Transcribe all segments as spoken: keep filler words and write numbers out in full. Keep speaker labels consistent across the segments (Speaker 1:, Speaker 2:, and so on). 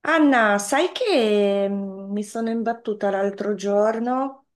Speaker 1: Anna, sai che mm, mi sono imbattuta l'altro giorno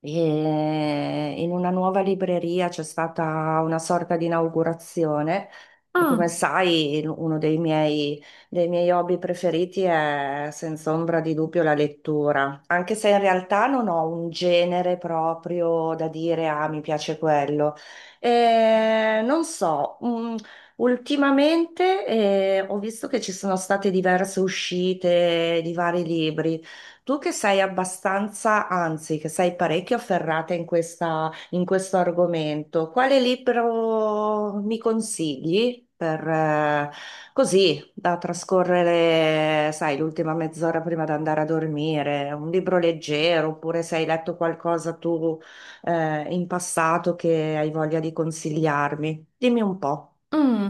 Speaker 1: e in una nuova libreria. C'è stata una sorta di inaugurazione e,
Speaker 2: Ah,
Speaker 1: come sai, uno dei miei, dei miei hobby preferiti è senza ombra di dubbio la lettura, anche se in realtà non ho un genere proprio da dire ah mi piace quello. E non so, mm, ultimamente eh, ho visto che ci sono state diverse uscite di vari libri. Tu che sei abbastanza, anzi, che sei parecchio afferrata in questa- in questo argomento, quale libro mi consigli per, eh, così, da trascorrere, sai, l'ultima mezz'ora prima di andare a dormire? Un libro leggero, oppure se hai letto qualcosa tu, eh, in passato, che hai voglia di consigliarmi? Dimmi un po'.
Speaker 2: mm.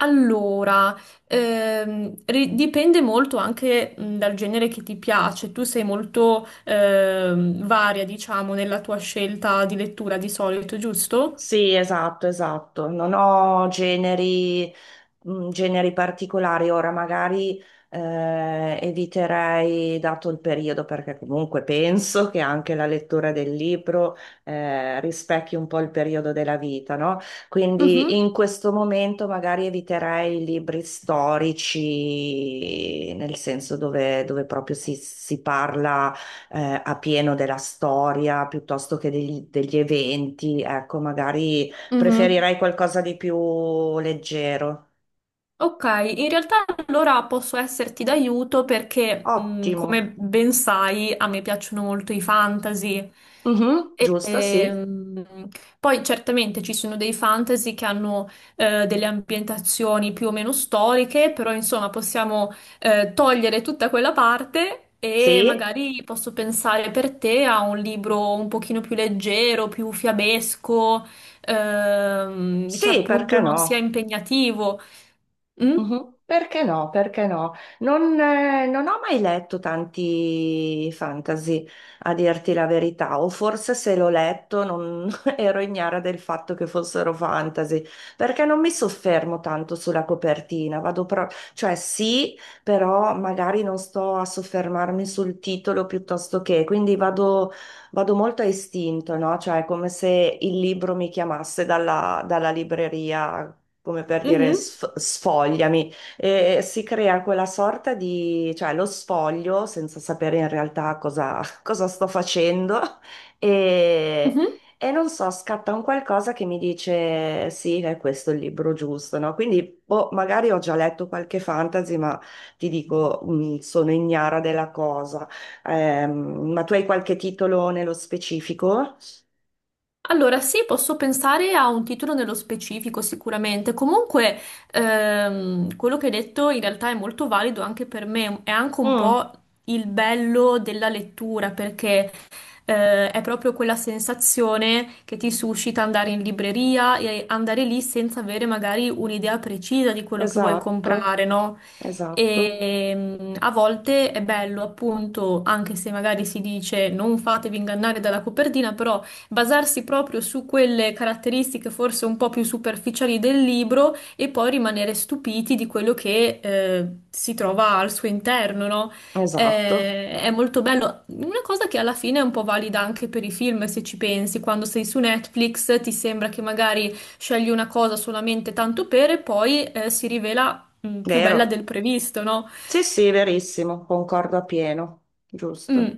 Speaker 2: Allora, ehm, ri- dipende molto anche mm, dal genere che ti piace. Tu sei molto ehm, varia, diciamo, nella tua scelta di lettura di solito, giusto?
Speaker 1: Sì, esatto, esatto. Non ho generi, mh, generi particolari. Ora magari eh, eviterei, dato il periodo, perché comunque penso che anche la lettura del libro eh, rispecchi un po' il periodo della vita, no? Quindi
Speaker 2: Mhm,
Speaker 1: in questo momento magari eviterei i libri storici, nel senso dove, dove proprio si si parla eh, a pieno della storia piuttosto che degli, degli eventi. Ecco, magari
Speaker 2: mhm.
Speaker 1: preferirei qualcosa di più leggero.
Speaker 2: Ok, in realtà allora posso esserti d'aiuto perché, mh,
Speaker 1: Ottimo.
Speaker 2: come ben sai, a me piacciono molto i fantasy.
Speaker 1: Mhm,
Speaker 2: E,
Speaker 1: giusto, sì.
Speaker 2: ehm, Poi certamente ci sono dei fantasy che hanno eh, delle ambientazioni più o meno storiche, però insomma possiamo eh, togliere tutta quella parte e
Speaker 1: Sì,
Speaker 2: magari posso pensare per te a un libro un pochino più leggero, più fiabesco, ehm, che
Speaker 1: sì, perché
Speaker 2: appunto non sia
Speaker 1: no?
Speaker 2: impegnativo. Mm?
Speaker 1: Mhm. Perché no? Perché no? Non, eh, non ho mai letto tanti fantasy, a dirti la verità, o forse se l'ho letto non ero ignara del fatto che fossero fantasy, perché non mi soffermo tanto sulla copertina, vado pro- cioè sì, però magari non sto a soffermarmi sul titolo piuttosto che, quindi vado, vado molto a istinto, no? Cioè è come se il libro mi chiamasse dalla dalla libreria come per dire
Speaker 2: Mhm,
Speaker 1: sf- sfogliami, e si crea quella sorta di, cioè lo sfoglio senza sapere in realtà cosa, cosa sto facendo e,
Speaker 2: mhm.
Speaker 1: e non so, scatta un qualcosa che mi dice sì, è questo il libro giusto, no? Quindi boh, magari ho già letto qualche fantasy, ma ti dico, mh, sono ignara della cosa. Ehm, ma tu hai qualche titolo nello specifico?
Speaker 2: Allora, sì, posso pensare a un titolo nello specifico sicuramente. Comunque, ehm, quello che hai detto in realtà è molto valido anche per me. È anche un
Speaker 1: Mm,
Speaker 2: po' il bello della lettura, perché eh, è proprio quella sensazione che ti suscita andare in libreria e andare lì senza avere magari un'idea precisa di quello che vuoi
Speaker 1: esatto,
Speaker 2: comprare, no?
Speaker 1: esatto,
Speaker 2: E mm, a volte è bello, appunto, anche se magari si dice non fatevi ingannare dalla copertina, però basarsi proprio su quelle caratteristiche forse un po' più superficiali del libro e poi rimanere stupiti di quello che eh, si trova al suo interno, no?
Speaker 1: esatto.
Speaker 2: Eh, è molto bello. Una cosa che alla fine è un po' valida anche per i film, se ci pensi, quando sei su Netflix ti sembra che magari scegli una cosa solamente tanto per e poi eh, si rivela mh, più bella
Speaker 1: Vero?
Speaker 2: del previsto, no?
Speaker 1: Sì, sì, verissimo, concordo appieno,
Speaker 2: Mm.
Speaker 1: giusto.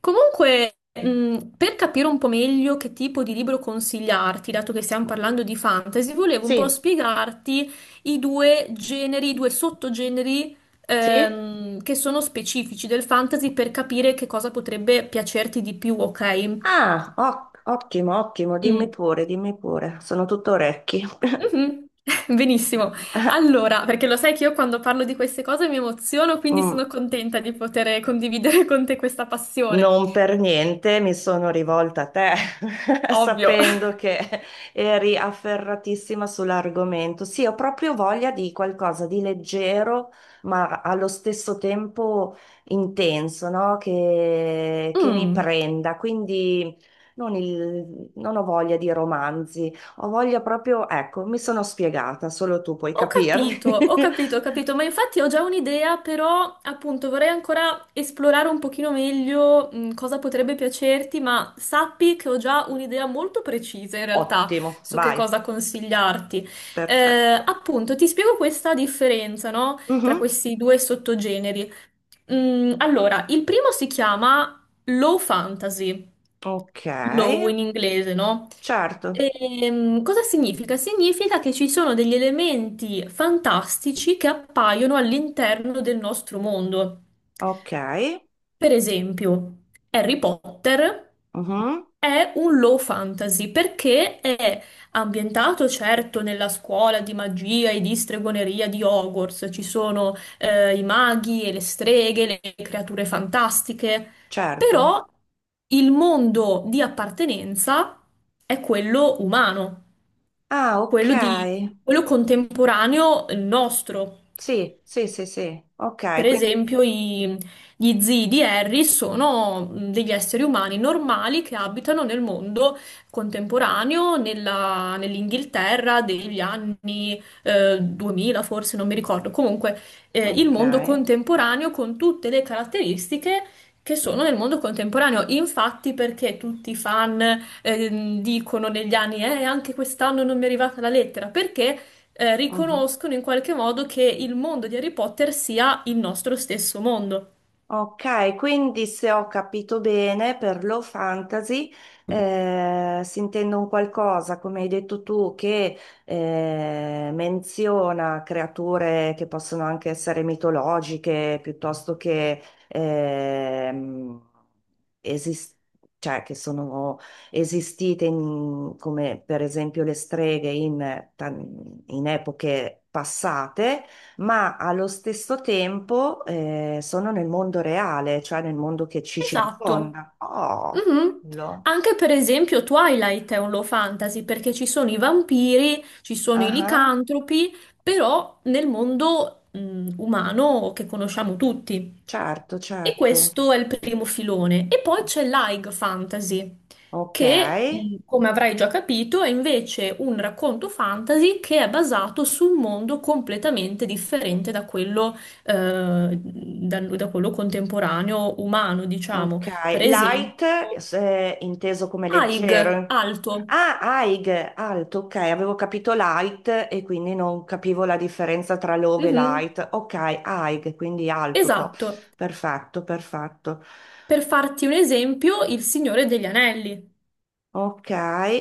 Speaker 2: Comunque, mm, per capire un po' meglio che tipo di libro consigliarti, dato che stiamo parlando di fantasy, volevo un po'
Speaker 1: Sì,
Speaker 2: spiegarti i due generi, i due sottogeneri
Speaker 1: sì.
Speaker 2: ehm, che sono specifici del fantasy per capire che cosa potrebbe piacerti di più, ok?
Speaker 1: Ah, o- ottimo, ottimo, dimmi
Speaker 2: Mm.
Speaker 1: pure, dimmi pure, sono tutto orecchi.
Speaker 2: Mhm. Benissimo. Allora, perché lo sai che io quando parlo di queste cose mi emoziono, quindi
Speaker 1: Mm.
Speaker 2: sono contenta di poter condividere con te questa passione.
Speaker 1: Non per niente mi sono rivolta a te,
Speaker 2: Ovvio.
Speaker 1: sapendo che eri afferratissima sull'argomento. Sì, ho proprio voglia di qualcosa di leggero, ma allo stesso tempo intenso, no? Che, che mi
Speaker 2: Mm.
Speaker 1: prenda. Quindi non, il- non ho voglia di romanzi, ho voglia proprio, ecco, mi sono spiegata, solo tu puoi
Speaker 2: Ho
Speaker 1: capirmi.
Speaker 2: capito, ho capito, ho capito, ma infatti ho già un'idea, però appunto vorrei ancora esplorare un pochino meglio mh, cosa potrebbe piacerti, ma sappi che ho già un'idea molto precisa in realtà
Speaker 1: Ottimo,
Speaker 2: su che
Speaker 1: vai,
Speaker 2: cosa consigliarti. Eh,
Speaker 1: perfetto.
Speaker 2: appunto, ti spiego questa differenza, no? Tra
Speaker 1: Mhm,
Speaker 2: questi due sottogeneri. Mm, allora, il primo si chiama low fantasy,
Speaker 1: ok.
Speaker 2: low in inglese, no?
Speaker 1: Certo,
Speaker 2: Ehm, cosa significa? Significa che ci sono degli elementi fantastici che appaiono all'interno del nostro mondo.
Speaker 1: ok.
Speaker 2: Per esempio, Harry Potter
Speaker 1: Mhm,
Speaker 2: è un low fantasy perché è ambientato certo nella scuola di magia e di stregoneria di Hogwarts, ci sono eh, i maghi e le streghe, le creature fantastiche,
Speaker 1: certo.
Speaker 2: però il mondo di appartenenza è quello umano,
Speaker 1: Ah, ok.
Speaker 2: quello di- quello contemporaneo nostro.
Speaker 1: Sì, sì, sì, sì. Ok,
Speaker 2: Per
Speaker 1: quindi...
Speaker 2: esempio, i- gli zii di Harry sono mh, degli esseri umani normali che abitano nel mondo contemporaneo, nella- nell'Inghilterra degli anni eh, duemila, forse non mi ricordo. Comunque, eh, il
Speaker 1: Ok.
Speaker 2: mondo contemporaneo con tutte le caratteristiche che sono nel mondo contemporaneo. Infatti, perché tutti i fan ehm, dicono negli anni, eh, anche quest'anno non mi è arrivata la lettera? Perché eh,
Speaker 1: Mhm.
Speaker 2: riconoscono in qualche modo che il mondo di Harry Potter sia il nostro stesso mondo.
Speaker 1: Ok, quindi se ho capito bene, per low fantasy eh, si intende un qualcosa, come hai detto tu, che eh, menziona creature che possono anche essere mitologiche, piuttosto che ehm, esis- cioè, che sono esistite in- come per esempio le streghe in tan- in epoche passate, ma allo stesso tempo eh, sono nel mondo reale, cioè nel mondo che ci
Speaker 2: Esatto.
Speaker 1: circonda. Oh,
Speaker 2: Mhm.
Speaker 1: bello.
Speaker 2: Anche per esempio Twilight è un low fantasy perché ci sono i vampiri, ci sono i
Speaker 1: Ah,
Speaker 2: licantropi, però nel mondo mh, umano che conosciamo tutti.
Speaker 1: certo,
Speaker 2: E
Speaker 1: certo.
Speaker 2: questo è il primo filone. E poi
Speaker 1: Oh,
Speaker 2: c'è l'High Fantasy,
Speaker 1: ok,
Speaker 2: che, mh, come avrai già capito, è invece un racconto fantasy che è basato su un mondo completamente differente da quello, eh, da da quello contemporaneo umano, diciamo.
Speaker 1: ok.
Speaker 2: Per esempio,
Speaker 1: Light, eh, inteso come
Speaker 2: Aig,
Speaker 1: leggero.
Speaker 2: alto.
Speaker 1: Ah, Aig, alto, ok, avevo capito light e quindi non capivo la differenza tra low e
Speaker 2: Mhm.
Speaker 1: light. Ok, Aig, quindi alto, to.
Speaker 2: Esatto.
Speaker 1: Perfetto, perfetto.
Speaker 2: Per farti un esempio, il Signore degli Anelli.
Speaker 1: Ok,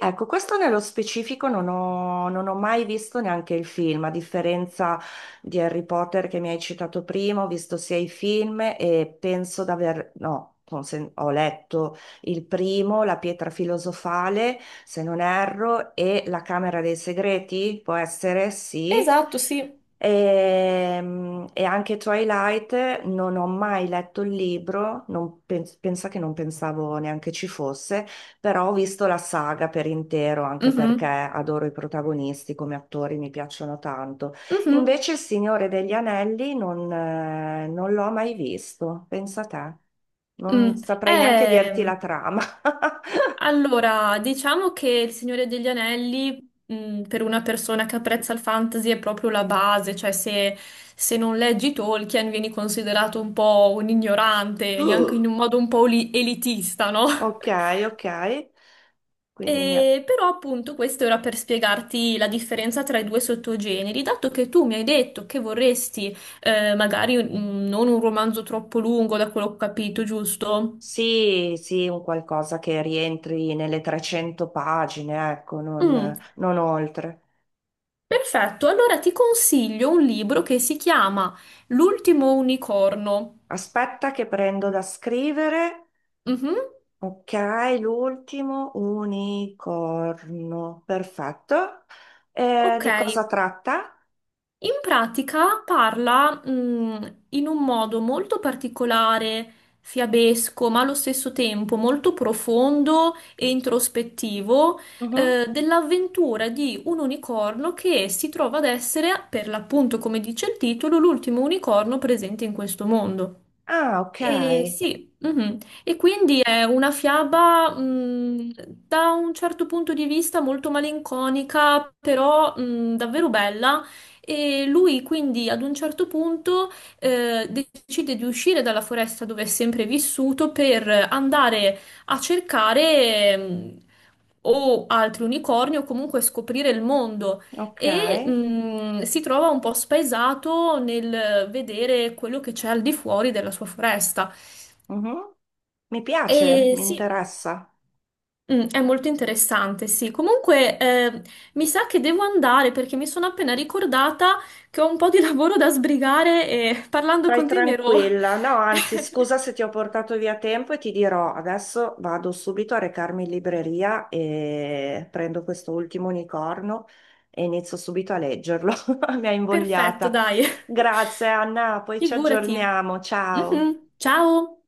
Speaker 1: ecco, questo nello specifico non ho, non ho mai visto neanche il film, a differenza di Harry Potter che mi hai citato prima, ho visto sia i film e penso d'aver, no, consen- ho letto il primo, La pietra filosofale, se non erro, e La Camera dei Segreti, può essere, sì.
Speaker 2: Esatto, sì.
Speaker 1: Ehm, E, anche Twilight non ho mai letto il libro, non pens- pensa che non pensavo neanche ci fosse. Però ho visto la saga per intero, anche perché
Speaker 2: Mhm,
Speaker 1: adoro i protagonisti come attori, mi piacciono tanto.
Speaker 2: mhm,
Speaker 1: Invece Il Signore degli Anelli non, eh, non l'ho mai visto, pensa a te. Non
Speaker 2: mm.
Speaker 1: saprei neanche dirti
Speaker 2: Eh,
Speaker 1: la trama.
Speaker 2: allora, diciamo che il Signore degli Anelli, mm, per una persona che apprezza il fantasy, è proprio la base, cioè se, se non leggi Tolkien vieni considerato un po' un ignorante, anche in un modo un po' oli- elitista, no?
Speaker 1: Ok, ok. Quindi mi...
Speaker 2: E però appunto questo era per spiegarti la differenza tra i due sottogeneri, dato che tu mi hai detto che vorresti eh, magari un- non un romanzo troppo lungo, da quello che ho capito, giusto?
Speaker 1: Sì, sì, un qualcosa che rientri nelle trecento pagine, ecco, non,
Speaker 2: Mm,
Speaker 1: non oltre.
Speaker 2: perfetto, allora ti consiglio un libro che si chiama L'ultimo unicorno.
Speaker 1: Aspetta che prendo da scrivere.
Speaker 2: Mhm,
Speaker 1: Ok, l'ultimo unicorno, perfetto. Eh,
Speaker 2: ok,
Speaker 1: di cosa tratta?
Speaker 2: in pratica parla, mh, in un modo molto particolare, fiabesco, ma allo stesso tempo molto profondo e introspettivo,
Speaker 1: Mhm.
Speaker 2: eh, dell'avventura di un unicorno che si trova ad essere, per l'appunto, come dice il titolo, l'ultimo unicorno presente in questo mondo.
Speaker 1: Ah, ok,
Speaker 2: E sì, mhm. E quindi è una fiaba, mh, da un certo punto di vista molto malinconica, però, mh, davvero bella. E lui quindi ad un certo punto, eh, decide di uscire dalla foresta dove è sempre vissuto per andare a cercare, mh, o altri unicorni o comunque scoprire il mondo
Speaker 1: ok.
Speaker 2: e mh, si trova un po' spaesato nel vedere quello che c'è al di fuori della sua foresta.
Speaker 1: Mhm. Mi piace,
Speaker 2: E
Speaker 1: mi
Speaker 2: sì,
Speaker 1: interessa.
Speaker 2: mm, è molto interessante, sì. Comunque, eh, mi sa che devo andare perché mi sono appena ricordata che ho un po' di lavoro da sbrigare e parlando
Speaker 1: Vai
Speaker 2: con te mi ero...
Speaker 1: tranquilla. No, anzi, scusa se ti ho portato via tempo e ti dirò, adesso vado subito a recarmi in libreria e prendo questo ultimo unicorno e inizio subito a leggerlo. Mi ha
Speaker 2: Perfetto,
Speaker 1: invogliata.
Speaker 2: dai.
Speaker 1: Grazie Anna, poi ci
Speaker 2: Figurati.
Speaker 1: aggiorniamo. Ciao.
Speaker 2: Mhm. Ciao.